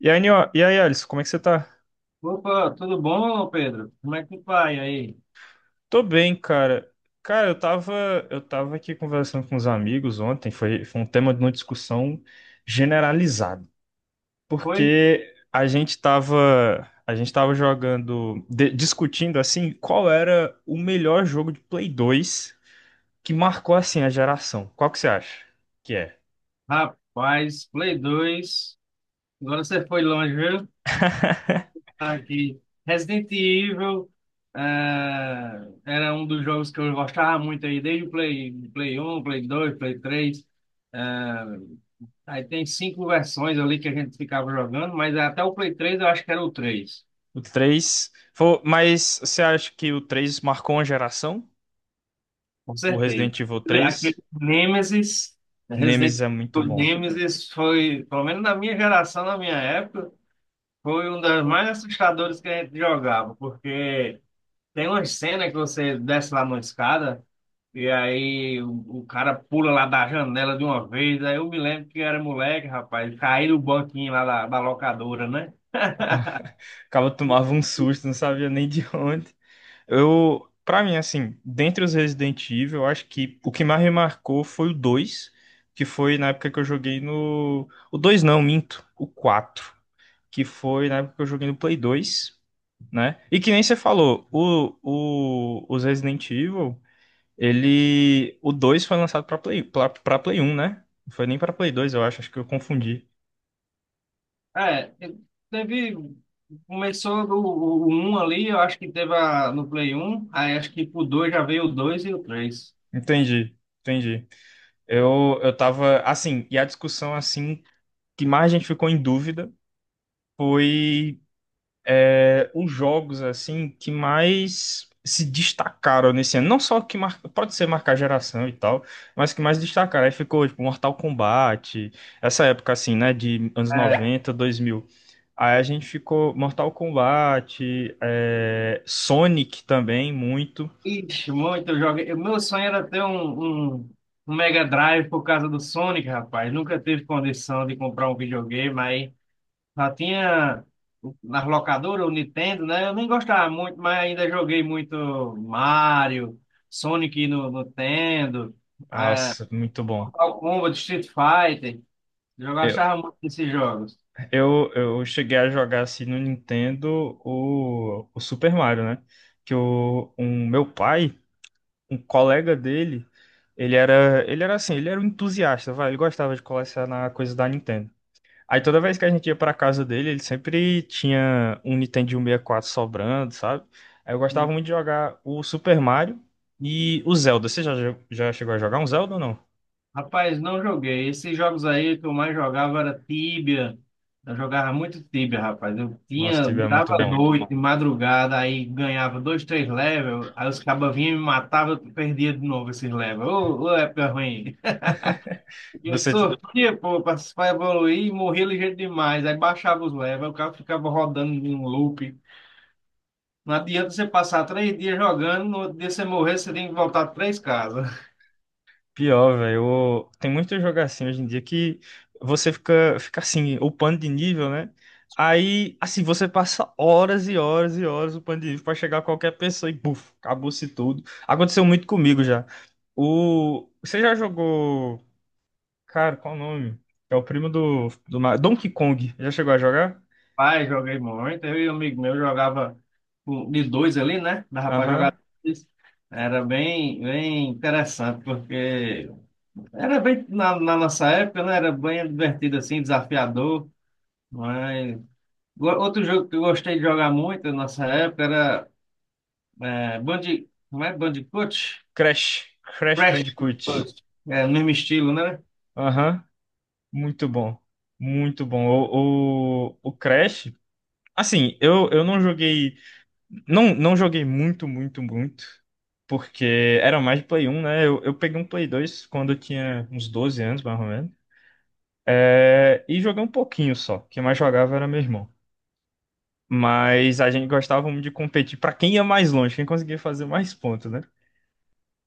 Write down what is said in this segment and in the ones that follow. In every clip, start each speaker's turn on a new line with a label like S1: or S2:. S1: E aí, Alisson, como é que você tá?
S2: Opa, tudo bom, Pedro? Como é que vai aí?
S1: Tô bem, cara. Cara, eu tava aqui conversando com os amigos ontem, foi um tema de uma discussão generalizada,
S2: Foi?
S1: porque a gente tava jogando, discutindo, assim, qual era o melhor jogo de Play 2 que marcou, assim, a geração. Qual que você acha que é?
S2: Rapaz, Play 2. Agora você foi longe, viu? Tá aqui. Resident Evil eh, era um dos jogos que eu gostava muito aí, desde o Play 1, Play 2, Play 3. Eh, aí tem cinco versões ali que a gente ficava jogando, mas até o Play 3 eu acho que era o 3.
S1: O 3? Mas você acha que o 3 marcou uma geração?
S2: Com
S1: O
S2: certeza.
S1: Resident Evil
S2: Aquele
S1: 3?
S2: Nemesis, né? Resident
S1: Nemesis é muito
S2: Evil
S1: bom.
S2: Nemesis foi, pelo menos na minha geração, na minha época, foi um das mais assustadoras que a gente jogava, porque tem uma cena que você desce lá numa escada e aí o cara pula lá da janela de uma vez. Aí eu me lembro que eu era moleque, rapaz, caí no banquinho lá da locadora, né?
S1: Acaba tomava um susto, não sabia nem de onde. Para mim, assim, dentre os Resident Evil, eu acho que o que mais me marcou foi o 2 que foi na época que eu joguei no. O 2 não, minto. O 4 que foi na época que eu joguei no Play 2, né? E que nem você falou, os Resident Evil, ele. O 2 foi lançado pra Play 1, né? Não foi nem pra Play 2, eu acho, acho que eu confundi.
S2: É, teve. Começou o 1 ali, eu acho que teve a, no Play um, aí acho que pro dois já veio o 2 e o três.
S1: Entendi, entendi. Eu tava, assim, e a discussão, assim, que mais a gente ficou em dúvida foi os jogos, assim, que mais se destacaram nesse ano. Não só que mar... pode ser marcar geração e tal, mas que mais destacaram. Aí ficou, tipo, Mortal Kombat, essa época, assim, né, de anos
S2: É,
S1: noventa dois mil. Aí a gente ficou Mortal Kombat, é, Sonic também, muito.
S2: ixi, muito jogo. Meu sonho era ter um Mega Drive por causa do Sonic, rapaz. Nunca teve condição de comprar um videogame, aí já tinha nas locadoras, o Nintendo, né? Eu nem gostava muito, mas ainda joguei muito Mario, Sonic no Nintendo, ah,
S1: Nossa, muito bom.
S2: Mortal Kombat, Street Fighter. Eu achava muito desses jogos.
S1: Eu cheguei a jogar assim no Nintendo o Super Mario, né? Que o um, meu pai, um colega dele, ele era um entusiasta, vai, ele gostava de colecionar coisas da Nintendo. Aí toda vez que a gente ia pra casa dele, ele sempre tinha um Nintendo 64 sobrando, sabe? Aí eu
S2: E,
S1: gostava muito de jogar o Super Mario e o Zelda. Você já, já chegou a jogar um Zelda ou não?
S2: Rapaz, não joguei. Esses jogos aí que eu mais jogava era Tibia. Eu jogava muito Tibia, rapaz. Eu
S1: Nossa,
S2: tinha,
S1: tive é
S2: virava
S1: muito
S2: é
S1: bom.
S2: muito noite, bom, madrugada, aí ganhava dois, três levels, aí os cabas vinham e me matavam, eu perdia de novo esses levels. Ô, ô, época ruim. Eu
S1: Você,
S2: sofria, pô, pra evoluir e morria ligeiro demais. Aí baixava os levels, o cara ficava rodando em um loop. Não adianta você passar três dias jogando, no outro dia você morrer, você tem que voltar três casas.
S1: pior, velho. Tem muito jogo assim hoje em dia que você fica, fica assim, upando de nível, né? Aí, assim, você passa horas e horas e horas upando de nível pra chegar a qualquer pessoa e, buf, acabou-se tudo. Aconteceu muito comigo já. O... Você já jogou. Cara, qual o nome? É o primo do, do. Donkey Kong. Já chegou a jogar?
S2: Pai, joguei muito. Eu e um amigo meu jogava de dois ali, né? Dava pra jogar
S1: Aham.
S2: dois. Era bem, bem interessante, porque era bem, na nossa época, né? Era bem divertido assim, desafiador. Mas outro jogo que eu gostei de jogar muito na nossa época era Como é? Bandicoot?
S1: Crash. Crash
S2: Crash.
S1: Bandicoot.
S2: Bandicoot. É, no mesmo estilo, né?
S1: Aham. Muito bom. Muito bom. O Crash. Assim, eu não joguei. Não, não joguei muito. Porque era mais de Play um, né? Eu peguei um Play 2 quando eu tinha uns 12 anos, mais ou menos. É, e joguei um pouquinho só. Quem mais jogava era meu irmão. Mas a gente gostava muito de competir pra quem ia mais longe, quem conseguia fazer mais pontos, né?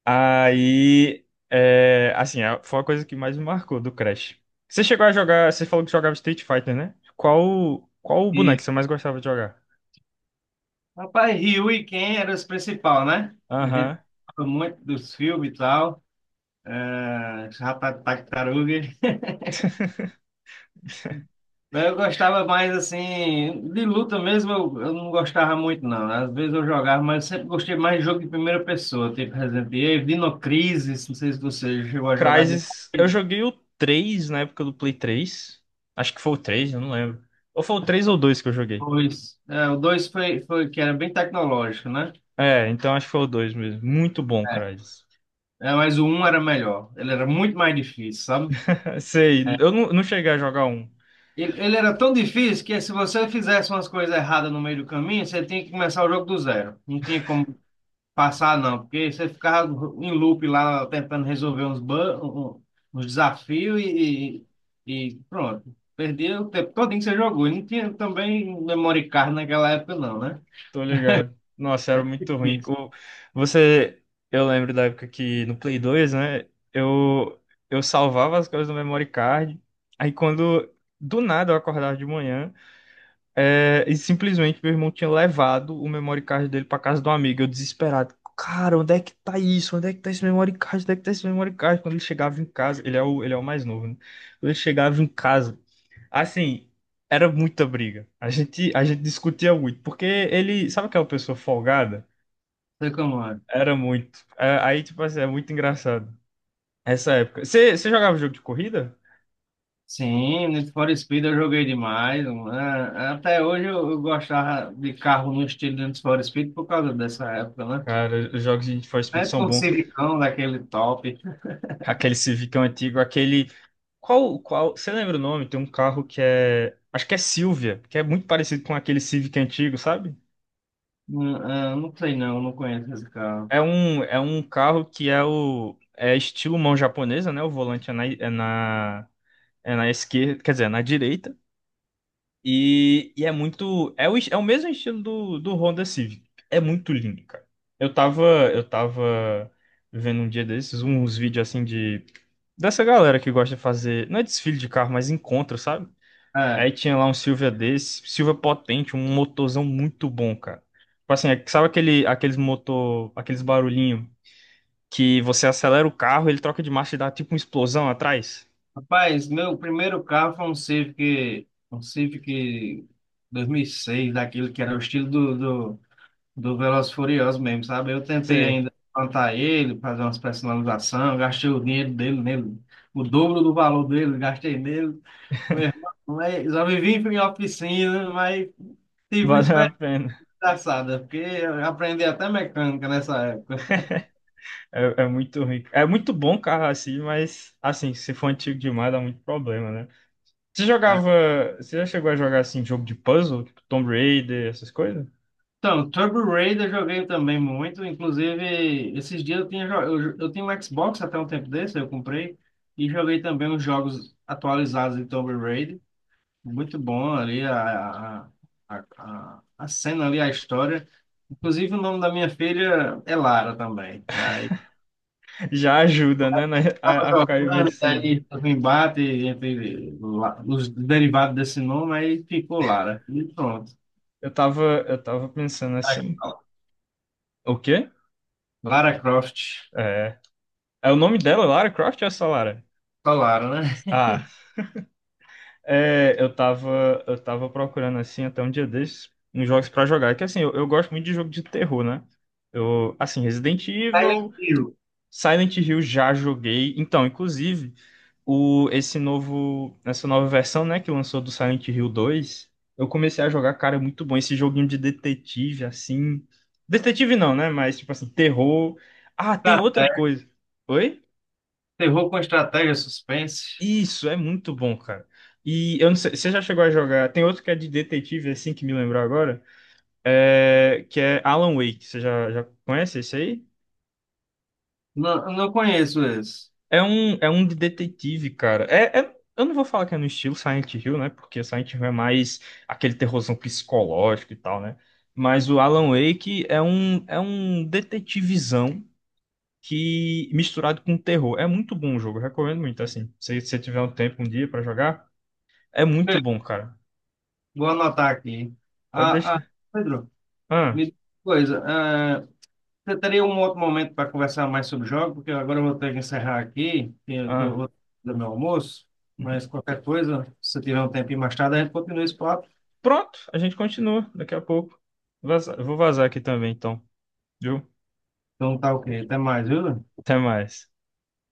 S1: Aí. É, assim, foi a coisa que mais me marcou do Crash. Você chegou a jogar. Você falou que jogava Street Fighter, né? Qual, qual o boneco que
S2: E,
S1: você mais gostava de jogar?
S2: rapaz, Ryu e Ken eram os principais, né? A gente
S1: Aham.
S2: gostava muito dos filmes e tal. É, rapaz, tartaruga. Mas eu gostava mais assim, de luta mesmo, eu não gostava muito, não, né? Às vezes eu jogava, mas eu sempre gostei mais de jogo de primeira pessoa, tipo Resident Evil, Dino Crisis, não sei se você chegou a jogar Dino
S1: Crysis, eu
S2: Crisis
S1: joguei o 3 na época do Play três. Acho que foi o 3, eu não lembro. Ou foi o 3 ou o 2 que eu joguei.
S2: 2. É, o dois foi que era bem tecnológico, né?
S1: É, então acho que foi o dois mesmo. Muito bom,
S2: É,
S1: Crysis.
S2: é, mas o um era melhor. Ele era muito mais difícil, sabe?
S1: Sei,
S2: É.
S1: eu não, não cheguei a jogar um,
S2: Ele era tão difícil que se você fizesse umas coisas erradas no meio do caminho, você tinha que começar o jogo do zero. Não tinha como passar não, porque você ficava em loop lá tentando resolver uns, ban- um- um, uns desafios e pronto. Perdia o tempo todinho que você jogou. E não tinha também memory card naquela época, não, né?
S1: tô ligado. Nossa, era muito ruim.
S2: Isso.
S1: Você, eu lembro da época que no Play 2, né? Eu, eu salvava as coisas no memory card. Aí quando, do nada, eu acordava de manhã. É, e simplesmente meu irmão tinha levado o memory card dele pra casa do amigo. Eu desesperado. Cara, onde é que tá isso? Onde é que tá esse memory card? Onde é que tá esse memory card? Quando ele chegava em casa, ele é o mais novo, né? Quando ele chegava em casa, assim, era muita briga. A gente discutia muito, porque ele, sabe aquela pessoa folgada?
S2: Sei como é.
S1: Era muito. É, aí, tipo assim, é muito engraçado. Essa época. Você jogava jogo de corrida?
S2: Sim, Need for Speed eu joguei demais, mano. É, é, até hoje eu gostava de carro no estilo de Need for Speed por causa dessa época, né?
S1: Cara, os jogos de Need for Speed
S2: É
S1: são
S2: um
S1: bons.
S2: Civicão daquele top.
S1: Aquele Civicão antigo, aquele. Você lembra o nome? Tem um carro que é, acho que é Silvia, que é muito parecido com aquele Civic antigo, sabe?
S2: Não sei não, não conheço esse carro.
S1: É um carro que é o, é estilo mão japonesa, né? O volante é na esquerda, quer dizer, é na direita. E é muito, é o, é o mesmo estilo do, do Honda Civic. É muito lindo, cara. Eu tava, eu tava vendo um dia desses uns vídeos assim de, dessa galera que gosta de fazer, não é desfile de carro, mas encontro, sabe? Aí
S2: É.
S1: tinha lá um Silvia desse, Silvia potente, um motorzão muito bom, cara. Tipo assim, sabe aquele, aqueles motor, aqueles barulhinho que você acelera o carro, ele troca de marcha e dá tipo uma explosão atrás?
S2: Rapaz, meu primeiro carro foi um Civic 2006, daquele que era o estilo do Velozes e Furiosos mesmo, sabe? Eu tentei
S1: Sei,
S2: ainda plantar ele, fazer umas personalizações, gastei o dinheiro dele nele, o dobro do valor dele, gastei nele. Meu irmão, mas já vivi em oficina, mas tive uma
S1: vale a
S2: experiência
S1: pena.
S2: engraçada, porque eu aprendi até mecânica nessa época.
S1: É, é muito rico. É muito bom carro assim, mas assim, se for antigo demais dá muito problema, né? Você jogava, você já chegou a jogar assim jogo de puzzle, tipo Tomb Raider, essas coisas?
S2: Então, Turbo Raider eu joguei também muito. Inclusive, esses dias eu tinha, eu tinha um Xbox até um tempo desse, eu comprei. E joguei também os jogos atualizados de Turbo Raider. Muito bom ali a cena ali, a história. Inclusive, o nome da minha filha é Lara também. Aí,
S1: Já ajuda, né,
S2: tava
S1: a ficar
S2: jogando,
S1: imersivo.
S2: daí teve um embate entre os derivados desse nome, aí ficou Lara. E pronto.
S1: Eu tava pensando
S2: Aí,
S1: assim, o quê?
S2: Lara Croft.
S1: É. É o nome dela, Lara Croft ou essa Lara?
S2: Só Lara, né?
S1: Ah, é, eu tava procurando assim até um dia desses uns jogos pra jogar. É que assim, eu gosto muito de jogo de terror, né? Eu, assim, Resident
S2: Silent
S1: Evil,
S2: Hill.
S1: Silent Hill já joguei. Então, inclusive, o esse novo, essa nova versão, né, que lançou do Silent Hill 2, eu comecei a jogar, cara, é muito bom esse joguinho de detetive assim. Detetive não, né? Mas tipo assim, terror. Ah, tem outra
S2: Estratégia,
S1: coisa. Oi?
S2: terror com estratégia, suspense.
S1: Isso, é muito bom, cara. E eu não sei, você já chegou a jogar? Tem outro que é de detetive, assim, que me lembrou agora, que é Alan Wake. Você já, já conhece esse aí?
S2: Não, eu não conheço esse.
S1: É um de detetive, cara. Eu não vou falar que é no estilo Silent Hill, né? Porque Silent Hill é mais aquele terrorzão psicológico e tal, né? Mas o Alan Wake é um detetivizão que misturado com terror. É muito bom o jogo, eu recomendo muito, assim. Se você tiver um tempo um dia pra jogar, é muito
S2: Beleza,
S1: bom, cara.
S2: vou anotar aqui.
S1: Pode
S2: Ah, ah,
S1: deixar.
S2: Pedro,
S1: Ah,
S2: me diz uma coisa. Você teria um outro momento para conversar mais sobre jogos? Porque agora eu vou ter que encerrar aqui, que eu tô,
S1: ah.
S2: vou fazer meu almoço.
S1: Uhum.
S2: Mas qualquer coisa, se você tiver um tempinho mais tarde, a gente continua esse papo.
S1: Pronto, a gente continua daqui a pouco. Vou vazar aqui também, então. Viu?
S2: Então tá ok. Até mais, viu?
S1: Até mais.